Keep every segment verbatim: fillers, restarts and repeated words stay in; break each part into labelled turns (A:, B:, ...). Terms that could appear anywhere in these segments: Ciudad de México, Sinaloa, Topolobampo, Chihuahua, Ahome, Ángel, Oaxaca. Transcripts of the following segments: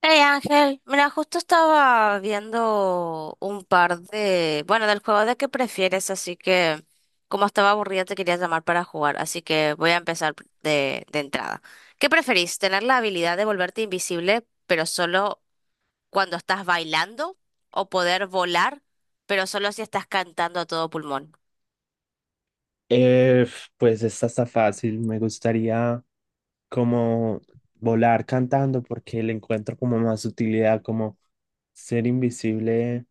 A: Hey Ángel, mira, justo estaba viendo un par de, bueno, del juego de qué prefieres, así que como estaba aburrida te quería llamar para jugar, así que voy a empezar pr- de, de entrada. ¿Qué preferís? ¿Tener la habilidad de volverte invisible, pero solo cuando estás bailando? ¿O poder volar, pero solo si estás cantando a todo pulmón?
B: Eh, pues esta está fácil. Me gustaría como volar cantando porque le encuentro como más utilidad, como ser invisible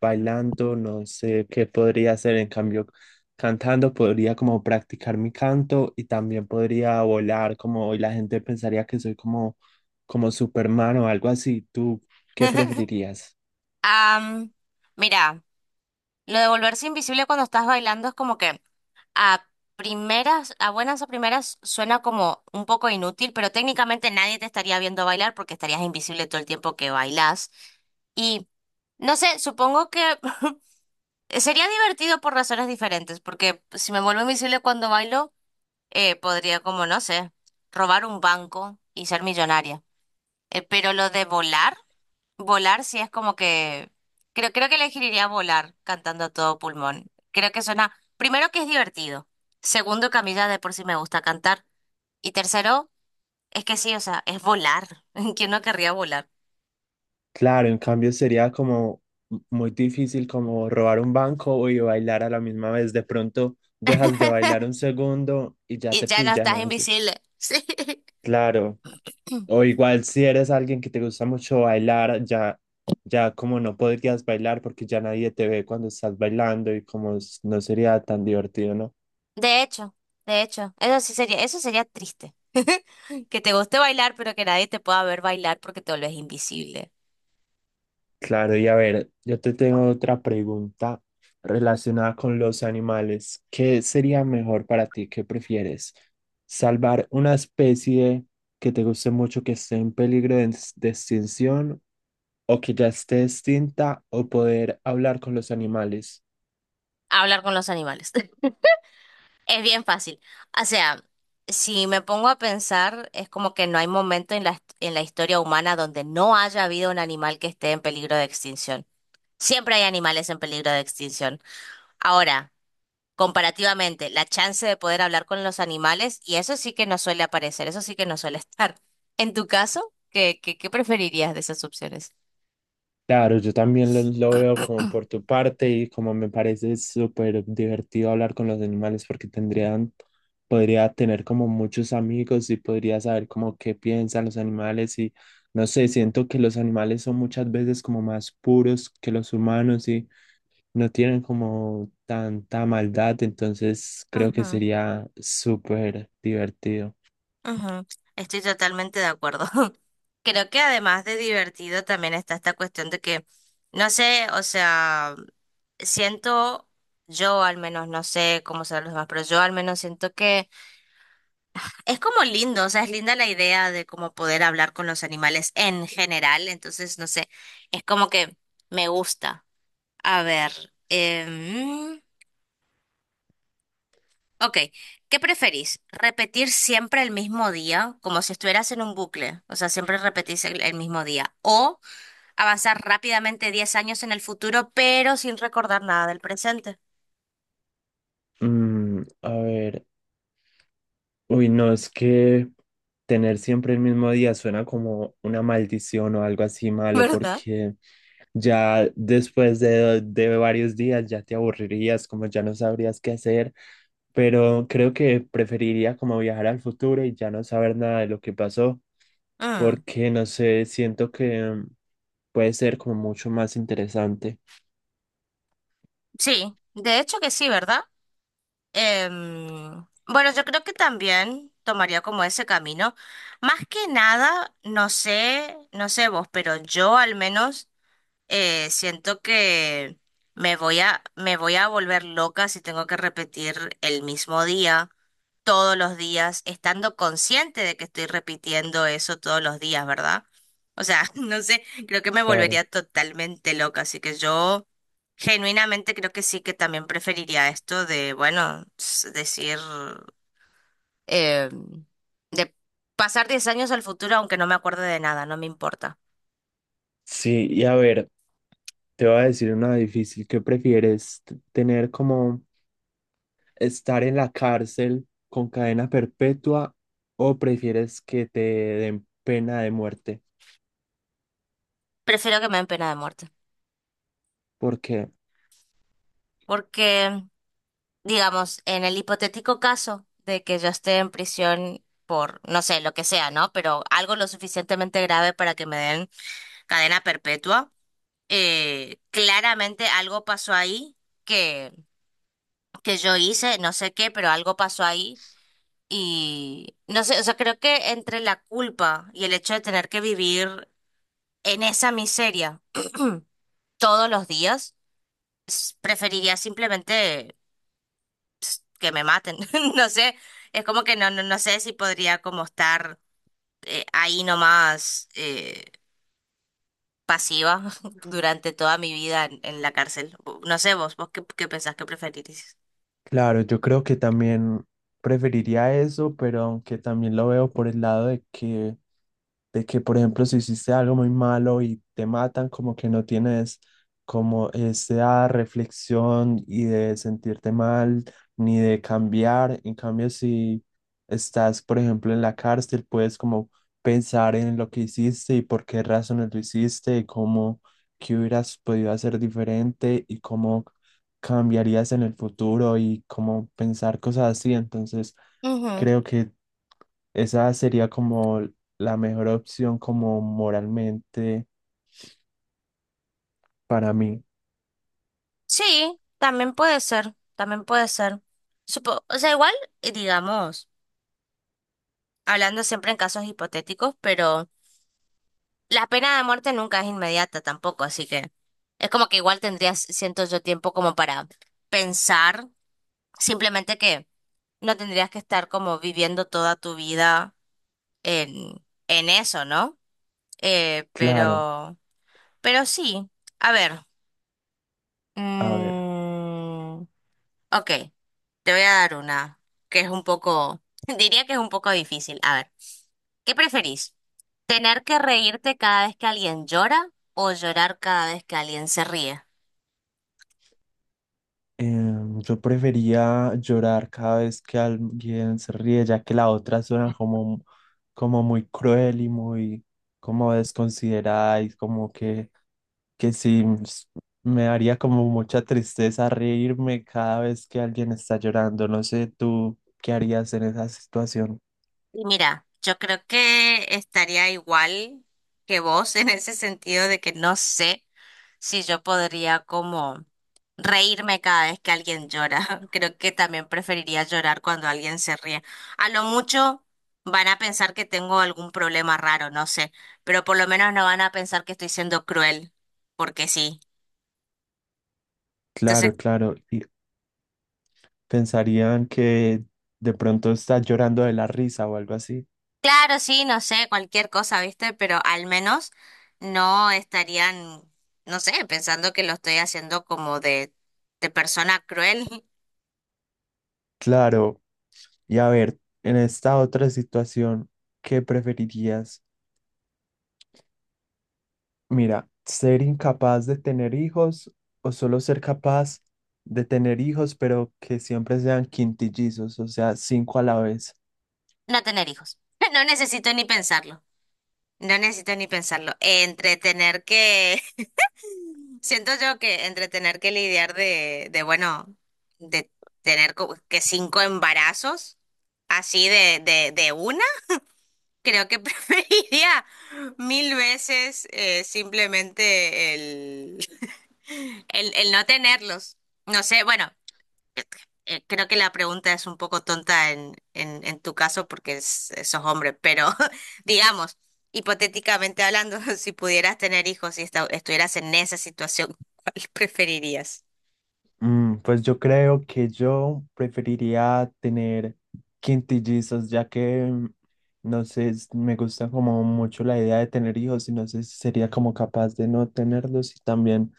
B: bailando, no sé qué podría hacer. En cambio, cantando podría como practicar mi canto y también podría volar como y la gente pensaría que soy como, como Superman o algo así. ¿Tú qué preferirías?
A: Am, mira, lo de volverse invisible cuando estás bailando es como que a primeras, a buenas o primeras suena como un poco inútil, pero técnicamente nadie te estaría viendo bailar porque estarías invisible todo el tiempo que bailás. Y no sé, supongo que sería divertido por razones diferentes, porque si me vuelvo invisible cuando bailo, eh, podría como, no sé, robar un banco y ser millonaria. Eh, pero lo de volar. Volar sí es como que creo creo que elegiría volar cantando a todo pulmón. Creo que suena primero que es divertido, segundo que a mí ya de por sí me gusta cantar y tercero es que sí, o sea, es volar. ¿Quién no querría volar?
B: Claro, en cambio sería como muy difícil como robar un banco y bailar a la misma vez. De pronto dejas de bailar un segundo y ya
A: Y
B: te
A: ya no
B: pillan
A: estás
B: así.
A: invisible. Sí.
B: Claro. O igual si eres alguien que te gusta mucho bailar, ya, ya como no podrías bailar porque ya nadie te ve cuando estás bailando y como s- no sería tan divertido, ¿no?
A: De hecho, de hecho, eso sí sería eso sería triste. Que te guste bailar, pero que nadie te pueda ver bailar porque te volvés invisible.
B: Claro, y a ver, yo te tengo otra pregunta relacionada con los animales. ¿Qué sería mejor para ti? ¿Qué prefieres? ¿Salvar una especie que te guste mucho, que esté en peligro de, ex- de extinción o que ya esté extinta o poder hablar con los animales?
A: Hablar con los animales. Es bien fácil. O sea, si me pongo a pensar, es como que no hay momento en la, hist- en la historia humana donde no haya habido un animal que esté en peligro de extinción. Siempre hay animales en peligro de extinción. Ahora, comparativamente, la chance de poder hablar con los animales, y eso sí que no suele aparecer, eso sí que no suele estar. En tu caso, ¿qué, qué, qué preferirías de esas opciones?
B: Claro, yo también lo, lo veo como por tu parte y como me parece súper divertido hablar con los animales porque tendrían, podría tener como muchos amigos y podría saber como qué piensan los animales y no sé, siento que los animales son muchas veces como más puros que los humanos y no tienen como tanta maldad, entonces creo que sería súper divertido.
A: Ujú, estoy totalmente de acuerdo. Creo que además de divertido también está esta cuestión de que, no sé, o sea, siento, yo al menos, no sé cómo serán los demás, pero yo al menos siento que es como lindo, o sea, es linda la idea de cómo poder hablar con los animales en general, entonces, no sé, es como que me gusta. A ver, em, ok, ¿qué preferís? ¿Repetir siempre el mismo día, como si estuvieras en un bucle? O sea, siempre repetís el, el mismo día. ¿O avanzar rápidamente diez años en el futuro, pero sin recordar nada del presente?
B: Mm, a ver. Uy, no, es que tener siempre el mismo día suena como una maldición o algo así malo,
A: ¿Verdad?
B: porque ya después de, de varios días ya te aburrirías, como ya no sabrías qué hacer, pero creo que preferiría como viajar al futuro y ya no saber nada de lo que pasó,
A: Mm,
B: porque no sé, siento que mm, puede ser como mucho más interesante.
A: sí, de hecho que sí, ¿verdad? Em, bueno, yo creo que también tomaría como ese camino. Más que nada, no sé, no sé vos, pero yo al menos eh, siento que me voy a, me voy a volver loca si tengo que repetir el mismo día todos los días, estando consciente de que estoy repitiendo eso todos los días, ¿verdad? O sea, no sé, creo que me
B: Claro.
A: volvería totalmente loca, así que yo genuinamente creo que sí que también preferiría esto de, bueno, s- decir, eh, de pasar diez años al futuro aunque no me acuerde de nada, no me importa.
B: Sí, y a ver, Te voy a decir una difícil. ¿Qué prefieres? T- ¿Tener como estar en la cárcel con cadena perpetua o prefieres que te den pena de muerte?
A: Prefiero que me den pena de muerte.
B: ¿Por qué?
A: Porque digamos, en el hipotético caso de que yo esté en prisión por, no sé, lo que sea, ¿no? Pero algo lo suficientemente grave para que me den cadena perpetua, eh, claramente algo pasó ahí que, que yo hice, no sé qué, pero algo pasó ahí. Y no sé, o sea, creo que entre la culpa y el hecho de tener que vivir en esa miseria todos los días, s- preferiría simplemente que me maten. No sé, es como que no, no, no sé si podría como estar eh, ahí nomás eh, pasiva durante toda mi vida en, en la cárcel. No sé vos, vos qué, qué pensás que preferirís.
B: Claro, yo creo que también preferiría eso, pero aunque también lo veo por el lado de que, de que, por ejemplo, si hiciste algo muy malo y te matan, como que no tienes como esa reflexión y de sentirte mal, ni de cambiar. En cambio, si estás, por ejemplo, en la cárcel, puedes como pensar en lo que hiciste y por qué razones lo hiciste y cómo, qué hubieras podido hacer diferente y cómo cambiarías en el futuro y cómo pensar cosas así. Entonces,
A: Ujú.
B: creo que esa sería como la mejor opción como moralmente para mí.
A: Sí, también puede ser, también puede ser. Supo- o sea, igual, eh, digamos, hablando siempre en casos hipotéticos, pero la pena de muerte nunca es inmediata tampoco, así que es como que igual tendrías, siento yo, tiempo como para pensar, simplemente que no tendrías que estar como viviendo toda tu vida en, en eso, ¿no? Eh,
B: Claro,
A: pero, pero sí, a ver.
B: a ver.
A: mm, ok, te voy a dar una que es un poco, diría que es un poco difícil. A ver, ¿qué preferís? ¿Tener que reírte cada vez que alguien llora o llorar cada vez que alguien se ríe?
B: Em, yo prefería llorar cada vez que alguien se ríe, ya que la otra suena como, como muy cruel y muy como desconsiderada y como que, que sí s- me daría como mucha tristeza reírme cada vez que alguien está llorando. No sé tú qué harías en esa situación.
A: Y mira, yo creo que estaría igual que vos en ese sentido de que no sé si yo podría como reírme cada vez que alguien llora. Creo que también preferiría llorar cuando alguien se ríe. A lo mucho van a pensar que tengo algún problema raro, no sé, pero por lo menos no van a pensar que estoy siendo cruel, porque sí. Entonces
B: Claro, claro. Y pensarían que de pronto está llorando de la risa o algo así.
A: claro, sí, no sé, cualquier cosa, ¿viste? Pero al menos no estarían, no sé, pensando que lo estoy haciendo como de, de persona cruel.
B: Claro. Y a ver, en esta otra situación, ¿qué preferirías? Mira, ser incapaz de tener hijos o solo ser capaz de tener hijos, pero que siempre sean quintillizos, o sea, cinco a la vez.
A: No tener hijos. No necesito ni pensarlo. No necesito ni pensarlo. Entretener que, siento yo que entretener que lidiar de, de bueno, de tener como que cinco embarazos así de, de, de una, creo que preferiría mil veces eh, simplemente el... El, el no tenerlos. No sé, bueno, eh, creo que la pregunta es un poco tonta en, en, en tu caso porque es- sos hombre, pero digamos, hipotéticamente hablando, si pudieras tener hijos y esta- estuvieras en esa situación, ¿cuál preferirías?
B: Mm, pues yo creo que yo preferiría tener quintillizos, ya que mm, no sé, es- me gusta como mucho la idea de tener hijos y no sé si sería como capaz de no tenerlos y también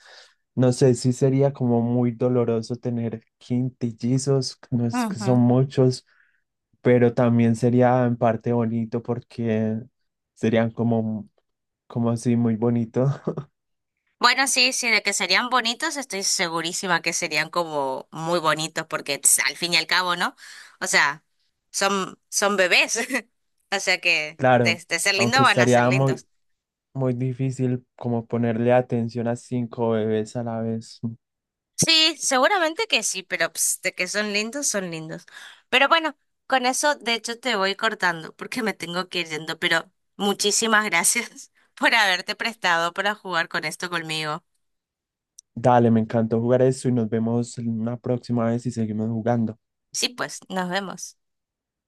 B: no sé si sería como muy doloroso tener quintillizos, no es que son muchos, pero también sería en parte bonito porque serían como como así muy bonito.
A: Bueno, sí, sí, de que serían bonitos, estoy segurísima que serían como muy bonitos, porque tss, al fin y al cabo, ¿no? O sea, son, son bebés. O sea que
B: Claro,
A: de, de ser
B: aunque
A: lindos van a ser
B: estaría muy,
A: lindos.
B: muy difícil como ponerle atención a cinco bebés a la vez.
A: Sí, seguramente que sí, pero ps, de que son lindos, son lindos. Pero bueno, con eso, de hecho, te voy cortando, porque me tengo que ir yendo, pero muchísimas gracias por haberte prestado para jugar con esto conmigo.
B: Dale, me encantó jugar eso y nos vemos en una próxima vez y seguimos jugando.
A: Sí, pues, nos vemos.